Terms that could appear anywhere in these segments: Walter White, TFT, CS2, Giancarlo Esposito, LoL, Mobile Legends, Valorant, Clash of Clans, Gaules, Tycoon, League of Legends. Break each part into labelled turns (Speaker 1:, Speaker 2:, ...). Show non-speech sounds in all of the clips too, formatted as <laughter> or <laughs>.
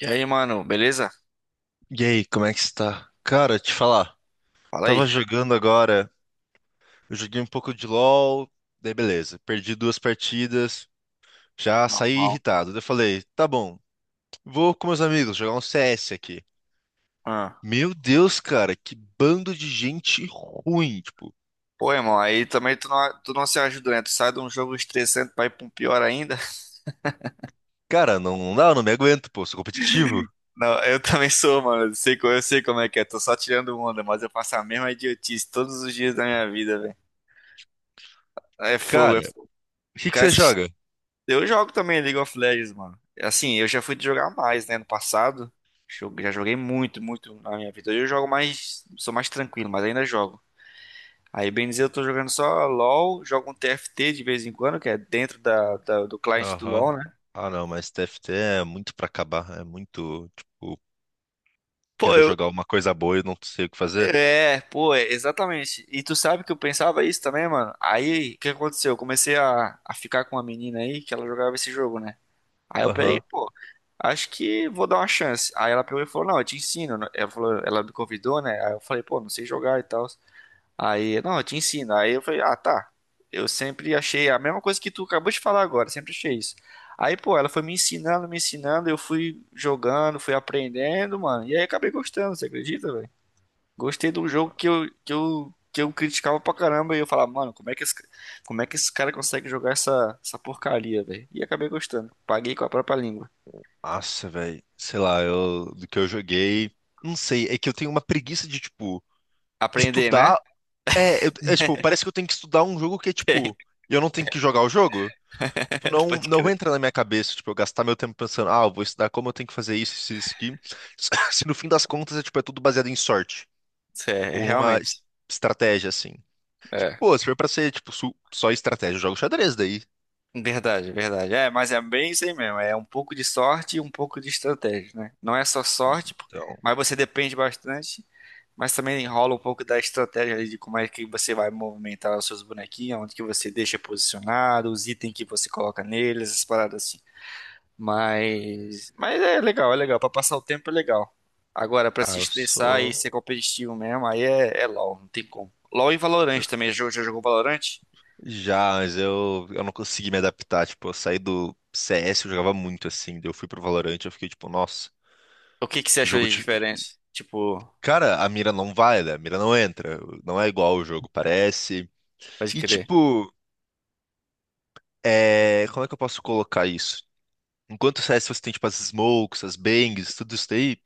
Speaker 1: E aí, mano, beleza?
Speaker 2: E aí, como é que está? Cara, te falar,
Speaker 1: Fala aí.
Speaker 2: tava jogando agora, eu joguei um pouco de LoL, daí beleza, perdi duas partidas, já saí
Speaker 1: Normal.
Speaker 2: irritado. Daí eu falei, tá bom, vou com meus amigos jogar um CS aqui.
Speaker 1: Ah.
Speaker 2: Meu Deus, cara, que bando de gente ruim, tipo,
Speaker 1: Pô, irmão, aí também tu não se ajuda, né? Tu sai de um jogo estressante pra ir pra um pior ainda. <laughs>
Speaker 2: cara, não, não dá, eu não me aguento, pô, sou competitivo.
Speaker 1: Não, eu também sou, mano. Eu sei como é que é. Tô só tirando onda, mas eu faço a mesma idiotice todos os dias da minha vida, velho. É fogo, é
Speaker 2: Cara,
Speaker 1: fogo.
Speaker 2: o que que
Speaker 1: Cara,
Speaker 2: você
Speaker 1: esses-
Speaker 2: joga?
Speaker 1: Eu jogo também League of Legends, mano. Assim, eu já fui jogar mais, né, no passado. Já joguei muito, muito na minha vida. Hoje eu jogo mais, sou mais tranquilo, mas ainda jogo. Aí, bem dizer, eu tô jogando só LoL, jogo um TFT de vez em quando, que é dentro do cliente do
Speaker 2: Aham.
Speaker 1: LoL, né?
Speaker 2: Ah, não, mas TFT é muito pra acabar, é muito, tipo,
Speaker 1: Pô,
Speaker 2: quero
Speaker 1: eu.
Speaker 2: jogar uma coisa boa e não sei o que fazer.
Speaker 1: É, pô, é, exatamente. E tu sabe que eu pensava isso também, mano. Aí, o que aconteceu? Eu comecei a ficar com uma menina aí que ela jogava esse jogo, né? Aí eu peguei,
Speaker 2: Aham.
Speaker 1: pô, acho que vou dar uma chance. Aí ela pegou e falou, não, eu te ensino. Ela falou, ela me convidou, né? Aí eu falei, pô, não sei jogar e tal. Aí, não, eu te ensino. Aí eu falei, ah, tá. Eu sempre achei a mesma coisa que tu acabou de falar agora, sempre achei isso. Aí, pô, ela foi me ensinando, eu fui jogando, fui aprendendo, mano. E aí acabei gostando, você acredita, velho? Gostei de um jogo que eu criticava pra caramba e eu falava, mano, como é que esse cara consegue jogar essa porcaria, velho? E acabei gostando. Paguei com a própria língua.
Speaker 2: Nossa, velho. Sei lá, do que eu joguei. Não sei, é que eu tenho uma preguiça de, tipo,
Speaker 1: Aprender, né?
Speaker 2: estudar. É, é, tipo, parece que eu tenho que estudar um jogo que é, tipo, eu não tenho que jogar o jogo. Tipo,
Speaker 1: <laughs>
Speaker 2: não,
Speaker 1: Pode
Speaker 2: não
Speaker 1: crer.
Speaker 2: entra na minha cabeça, tipo, eu gastar meu tempo pensando, ah, eu vou estudar como eu tenho que fazer isso, isso, isso aqui. <laughs> Se no fim das contas é, tipo, é tudo baseado em sorte.
Speaker 1: É,
Speaker 2: Ou numa
Speaker 1: realmente.
Speaker 2: estratégia, assim.
Speaker 1: É.
Speaker 2: Pô, se for pra ser, tipo, só estratégia, eu jogo xadrez daí.
Speaker 1: Verdade, verdade. É, mas é bem isso aí mesmo. É um pouco de sorte e um pouco de estratégia, né? Não é só sorte,
Speaker 2: Então,
Speaker 1: mas você depende bastante, mas também enrola um pouco da estratégia ali de como é que você vai movimentar os seus bonequinhos, onde que você deixa posicionado, os itens que você coloca neles, essas paradas assim. Mas é legal, é legal. Pra passar o tempo é legal. Agora, pra
Speaker 2: ah,
Speaker 1: se
Speaker 2: eu
Speaker 1: estressar e
Speaker 2: sou.
Speaker 1: ser competitivo mesmo, aí é, é LOL, não tem como. LOL e Valorant também. Já jogou Valorant?
Speaker 2: Já, mas eu não consegui me adaptar. Tipo, eu saí do CS, eu jogava muito assim. Daí eu fui pro Valorant, eu fiquei tipo, nossa,
Speaker 1: O que que você
Speaker 2: que
Speaker 1: achou
Speaker 2: jogo
Speaker 1: de
Speaker 2: de.
Speaker 1: diferença? Tipo,
Speaker 2: Cara, a mira não vai, né? A mira não entra. Não é igual o jogo, parece.
Speaker 1: pode
Speaker 2: E
Speaker 1: crer.
Speaker 2: tipo, como é que eu posso colocar isso? Enquanto o CS você tem tipo as smokes, as bangs, tudo isso daí.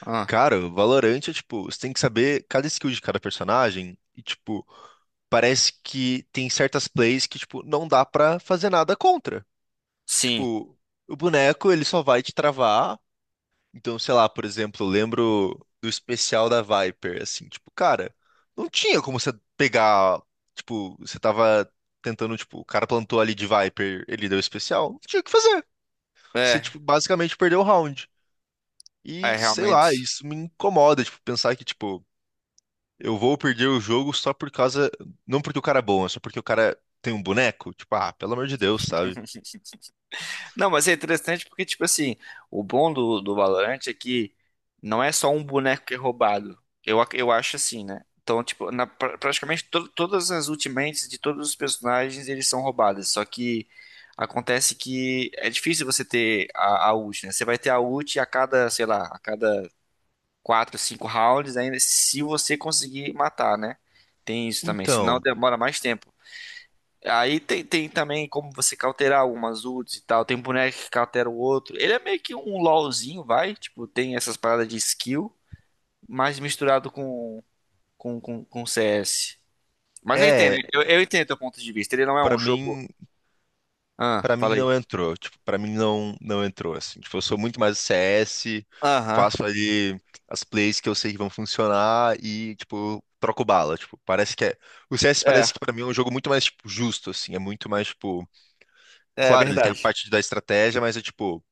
Speaker 1: Ah,
Speaker 2: Cara, o Valorant é tipo, você tem que saber cada skill de cada personagem. E tipo, parece que tem certas plays que tipo, não dá pra fazer nada contra.
Speaker 1: sim.
Speaker 2: Tipo, o boneco ele só vai te travar. Então, sei lá, por exemplo, eu lembro do especial da Viper, assim, tipo, cara, não tinha como você pegar, tipo, você tava tentando, tipo, o cara plantou ali de Viper, ele deu especial, não tinha o que fazer. Você,
Speaker 1: É,
Speaker 2: tipo, basicamente perdeu o round.
Speaker 1: é
Speaker 2: E, sei lá,
Speaker 1: realmente.
Speaker 2: isso me incomoda, tipo, pensar que, tipo, eu vou perder o jogo só por causa, não porque o cara é bom, é só porque o cara tem um boneco, tipo, ah, pelo amor de Deus, sabe?
Speaker 1: <laughs> Não, mas é interessante porque, tipo assim, o bom do Valorant é que não é só um boneco que é roubado. Eu acho assim, né? Então, tipo, praticamente todas as ultimates de todos os personagens, eles são roubadas. Só que acontece que é difícil você ter a ult, né? Você vai ter a ult a cada, sei lá, a cada 4 5 rounds, ainda se você conseguir matar, né? Tem isso também. Senão
Speaker 2: Então,
Speaker 1: demora mais tempo. Aí tem, tem também como você cauterar algumas ults e tal. Tem um boneco que cautera o outro. Ele é meio que um LOLzinho, vai. Tipo, tem essas paradas de skill, mas misturado com CS. Mas eu entendo,
Speaker 2: é,
Speaker 1: eu entendo teu ponto de vista. Ele não é
Speaker 2: Pra
Speaker 1: um jogo.
Speaker 2: mim
Speaker 1: Ah,
Speaker 2: Pra
Speaker 1: fala
Speaker 2: mim
Speaker 1: aí.
Speaker 2: não entrou, tipo, para mim não não entrou assim. Tipo, eu sou muito mais CS,
Speaker 1: Aham.
Speaker 2: faço ali as plays que eu sei que vão funcionar e tipo, troco bala, tipo, parece que é, o CS
Speaker 1: É,
Speaker 2: parece que pra mim é um jogo muito mais tipo justo assim, é muito mais tipo,
Speaker 1: é
Speaker 2: claro, ele tem a
Speaker 1: verdade.
Speaker 2: parte da estratégia, mas é tipo,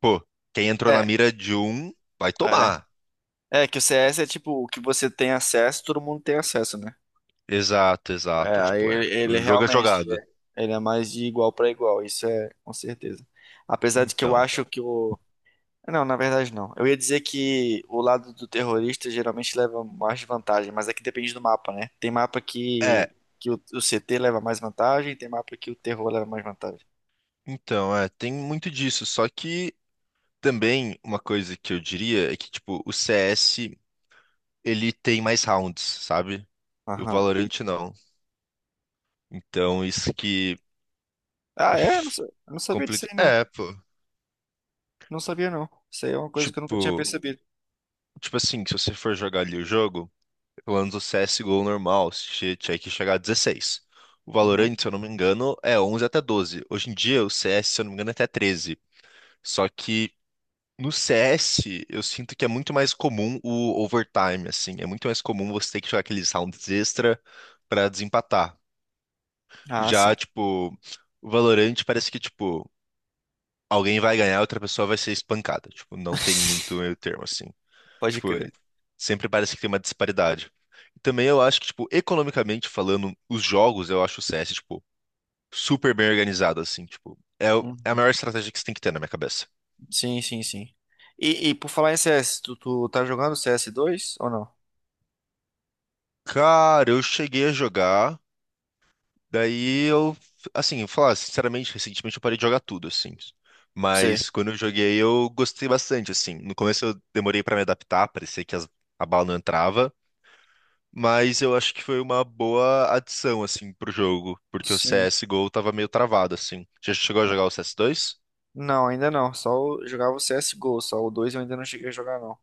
Speaker 2: pô, quem entrou na
Speaker 1: É,
Speaker 2: mira de um vai tomar.
Speaker 1: é. É que o CS é tipo, o que você tem acesso, todo mundo tem acesso, né?
Speaker 2: Exato,
Speaker 1: É,
Speaker 2: exato,
Speaker 1: aí
Speaker 2: tipo,
Speaker 1: ele
Speaker 2: o jogo é
Speaker 1: realmente
Speaker 2: jogado.
Speaker 1: é. Ele é mais de igual pra igual, isso é com certeza. Apesar de que eu
Speaker 2: Então,
Speaker 1: acho que o Não, na verdade não. Eu ia dizer que o lado do terrorista geralmente leva mais vantagem, mas é que depende do mapa, né? Tem mapa
Speaker 2: é,
Speaker 1: que, que o, o CT leva mais vantagem, tem mapa que o terror leva mais vantagem.
Speaker 2: então, tem muito disso, só que também uma coisa que eu diria é que, tipo, o CS, ele tem mais rounds, sabe? E o
Speaker 1: Aham.
Speaker 2: Valorant não. Então, isso que é
Speaker 1: Ah, é? Eu não sabia disso
Speaker 2: complicado.
Speaker 1: aí, não.
Speaker 2: É, pô.
Speaker 1: Não sabia, não. Isso aí é uma coisa que eu nunca tinha
Speaker 2: Tipo,
Speaker 1: percebido.
Speaker 2: tipo assim, se você for jogar ali o jogo, pelo menos o CSGO normal, você tinha que chegar a 16. O
Speaker 1: Uhum.
Speaker 2: Valorant, se eu não me engano, é 11 até 12. Hoje em dia, o CS, se eu não me engano, é até 13. Só que no CS, eu sinto que é muito mais comum o overtime, assim. É muito mais comum você ter que jogar aqueles rounds extra pra desempatar.
Speaker 1: Ah,
Speaker 2: Já,
Speaker 1: sim.
Speaker 2: tipo, o Valorant parece que, tipo, alguém vai ganhar, outra pessoa vai ser espancada. Tipo, não tem muito meio
Speaker 1: <laughs>
Speaker 2: termo, assim.
Speaker 1: Pode
Speaker 2: Tipo,
Speaker 1: crer.
Speaker 2: sempre parece que tem uma disparidade. E também eu acho que, tipo, economicamente falando, os jogos, eu acho o CS, tipo, super bem organizado, assim. Tipo, é a
Speaker 1: Uhum.
Speaker 2: maior estratégia que você tem que ter na minha cabeça.
Speaker 1: Sim, sim, sim. E por falar em CS, tu tá jogando CS2 ou não?
Speaker 2: Cara, eu cheguei a jogar. Daí eu, assim, eu falar, sinceramente, recentemente eu parei de jogar tudo, assim.
Speaker 1: Sei.
Speaker 2: Mas quando eu joguei, eu gostei bastante, assim. No começo eu demorei pra me adaptar, parecia que a bala não entrava. Mas eu acho que foi uma boa adição, assim, pro jogo. Porque o
Speaker 1: Sim.
Speaker 2: CSGO tava meio travado, assim. Já chegou a jogar o CS2?
Speaker 1: Não, ainda não. Só eu jogava o CSGO, só o 2 eu ainda não cheguei a jogar, não.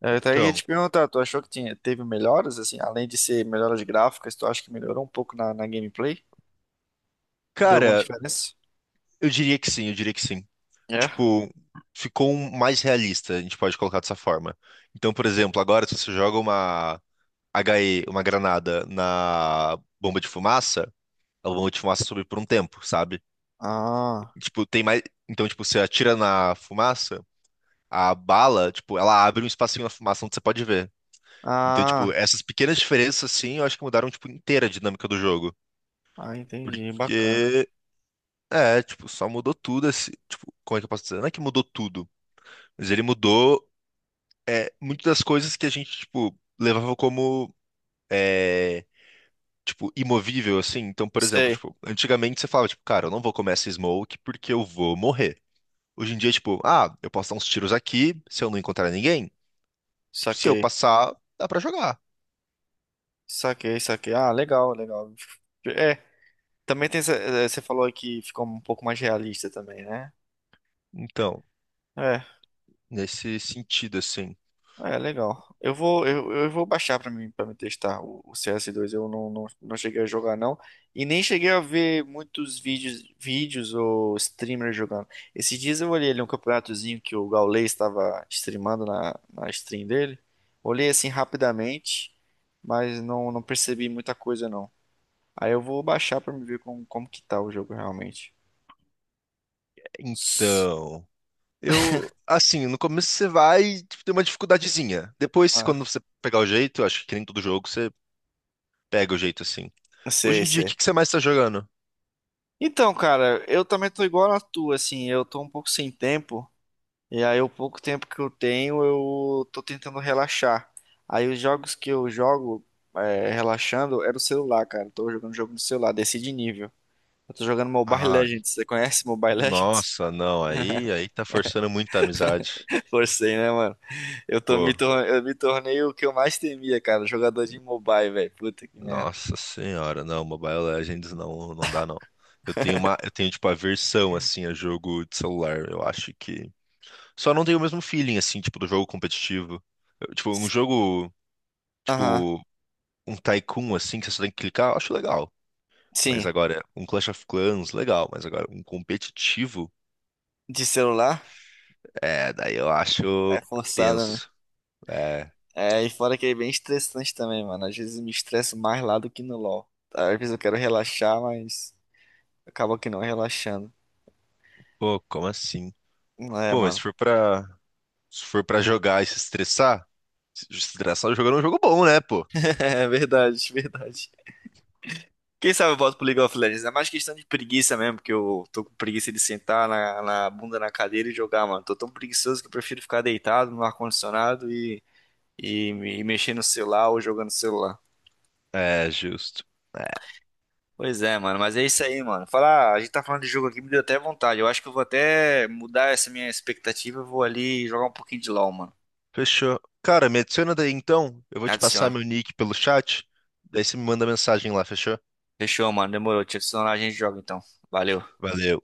Speaker 1: Eu até ia
Speaker 2: Então,
Speaker 1: te perguntar, tu achou que tinha, teve melhoras, assim, além de ser melhoras gráficas, tu acha que melhorou um pouco na gameplay? Deu alguma
Speaker 2: cara,
Speaker 1: diferença?
Speaker 2: eu diria que sim, eu diria que sim.
Speaker 1: É?
Speaker 2: Tipo, ficou um mais realista, a gente pode colocar dessa forma. Então, por exemplo, agora se você joga uma HE, uma granada na bomba de fumaça, a bomba de fumaça sobe por um tempo, sabe?
Speaker 1: Ah,
Speaker 2: Tipo, tem mais. Então, tipo, você atira na fumaça, a bala, tipo, ela abre um espacinho na fumaça onde você pode ver. Então, tipo,
Speaker 1: ah,
Speaker 2: essas pequenas diferenças, assim, eu acho que mudaram, tipo, inteira a dinâmica do jogo.
Speaker 1: entendi, bacana.
Speaker 2: Porque, tipo, só mudou tudo, assim, tipo, como é que eu posso dizer? Não é que mudou tudo, mas ele mudou, muitas das coisas que a gente, tipo, levava como é, tipo, imovível, assim. Então, por exemplo,
Speaker 1: Sei,
Speaker 2: tipo, antigamente você falava, tipo, cara, eu não vou comer essa smoke porque eu vou morrer. Hoje em dia, tipo, ah, eu posso dar uns tiros aqui, se eu não encontrar ninguém, se eu
Speaker 1: saquei,
Speaker 2: passar, dá pra jogar.
Speaker 1: saquei, saquei. Ah, legal, legal. É, também tem, você falou aí que ficou um pouco mais realista também, né?
Speaker 2: Então,
Speaker 1: É.
Speaker 2: nesse sentido, assim.
Speaker 1: É, legal. Eu vou baixar pra mim, para me testar o CS2. Eu não cheguei a jogar, não. E nem cheguei a ver muitos vídeos, vídeos ou streamers jogando. Esses dias eu olhei ali um campeonatozinho que o Gaules estava streamando na stream dele. Olhei assim rapidamente, mas não, não percebi muita coisa, não. Aí eu vou baixar pra me ver como, como que tá o jogo realmente.
Speaker 2: Então, eu, assim, no começo você vai, tipo, tem uma dificuldadezinha. Depois,
Speaker 1: Ah,
Speaker 2: quando você pegar o jeito, eu acho que nem todo jogo você pega o jeito, assim. Hoje
Speaker 1: sei,
Speaker 2: em dia, o que
Speaker 1: sei.
Speaker 2: que você mais tá jogando?
Speaker 1: Então, cara, eu também tô igual a tua, assim, eu tô um pouco sem tempo. E aí, o pouco tempo que eu tenho, eu tô tentando relaxar. Aí, os jogos que eu jogo é, relaxando é no celular, cara. Eu tô jogando jogo no celular, desci de nível. Eu tô jogando Mobile
Speaker 2: Ai,
Speaker 1: Legends. Você conhece Mobile Legends?
Speaker 2: nossa, não, aí tá forçando muita amizade.
Speaker 1: <laughs> Forcei, né, mano? Eu tô me
Speaker 2: Pô.
Speaker 1: tor- eu me tornei o que eu mais temia, cara. Jogador de mobile, velho. Puta que merda.
Speaker 2: Nossa senhora, não, Mobile Legends não, não dá não. Eu tenho tipo aversão assim a jogo de celular. Eu acho que só não tenho o mesmo feeling assim, tipo do jogo competitivo. Eu, tipo um jogo,
Speaker 1: Aham.
Speaker 2: tipo um Tycoon assim que você só tem que clicar, eu acho legal. Mas
Speaker 1: Sim.
Speaker 2: agora um Clash of Clans legal, mas agora um competitivo,
Speaker 1: De celular?
Speaker 2: daí eu acho
Speaker 1: É forçada, né?
Speaker 2: tenso. É,
Speaker 1: É, e fora que é bem estressante também, mano. Às vezes eu me estresso mais lá do que no LoL. Tá? Às vezes eu quero relaxar, mas. Acaba que não relaxando.
Speaker 2: pô, como assim?
Speaker 1: Não é,
Speaker 2: Pô, mas
Speaker 1: mano.
Speaker 2: se for pra jogar e se estressar, se estressar jogando é um jogo bom, né, pô?
Speaker 1: <laughs> É verdade, verdade. Quem sabe eu volto pro League of Legends. É mais questão de preguiça mesmo, porque eu tô com preguiça de sentar na bunda na cadeira e jogar, mano. Tô tão preguiçoso que eu prefiro ficar deitado no ar-condicionado e, e mexer no celular ou jogando no celular.
Speaker 2: É, justo. É,
Speaker 1: Pois é, mano. Mas é isso aí, mano. Falar, a gente tá falando de jogo aqui, me deu até vontade. Eu acho que eu vou até mudar essa minha expectativa. Eu vou ali jogar um pouquinho de LoL, mano.
Speaker 2: fechou. Cara, me adiciona daí então. Eu vou te passar
Speaker 1: Adiciona.
Speaker 2: meu nick pelo chat. Daí você me manda mensagem lá, fechou?
Speaker 1: Fechou, mano. Demorou. Te adicionar, a gente joga então. Valeu.
Speaker 2: Valeu.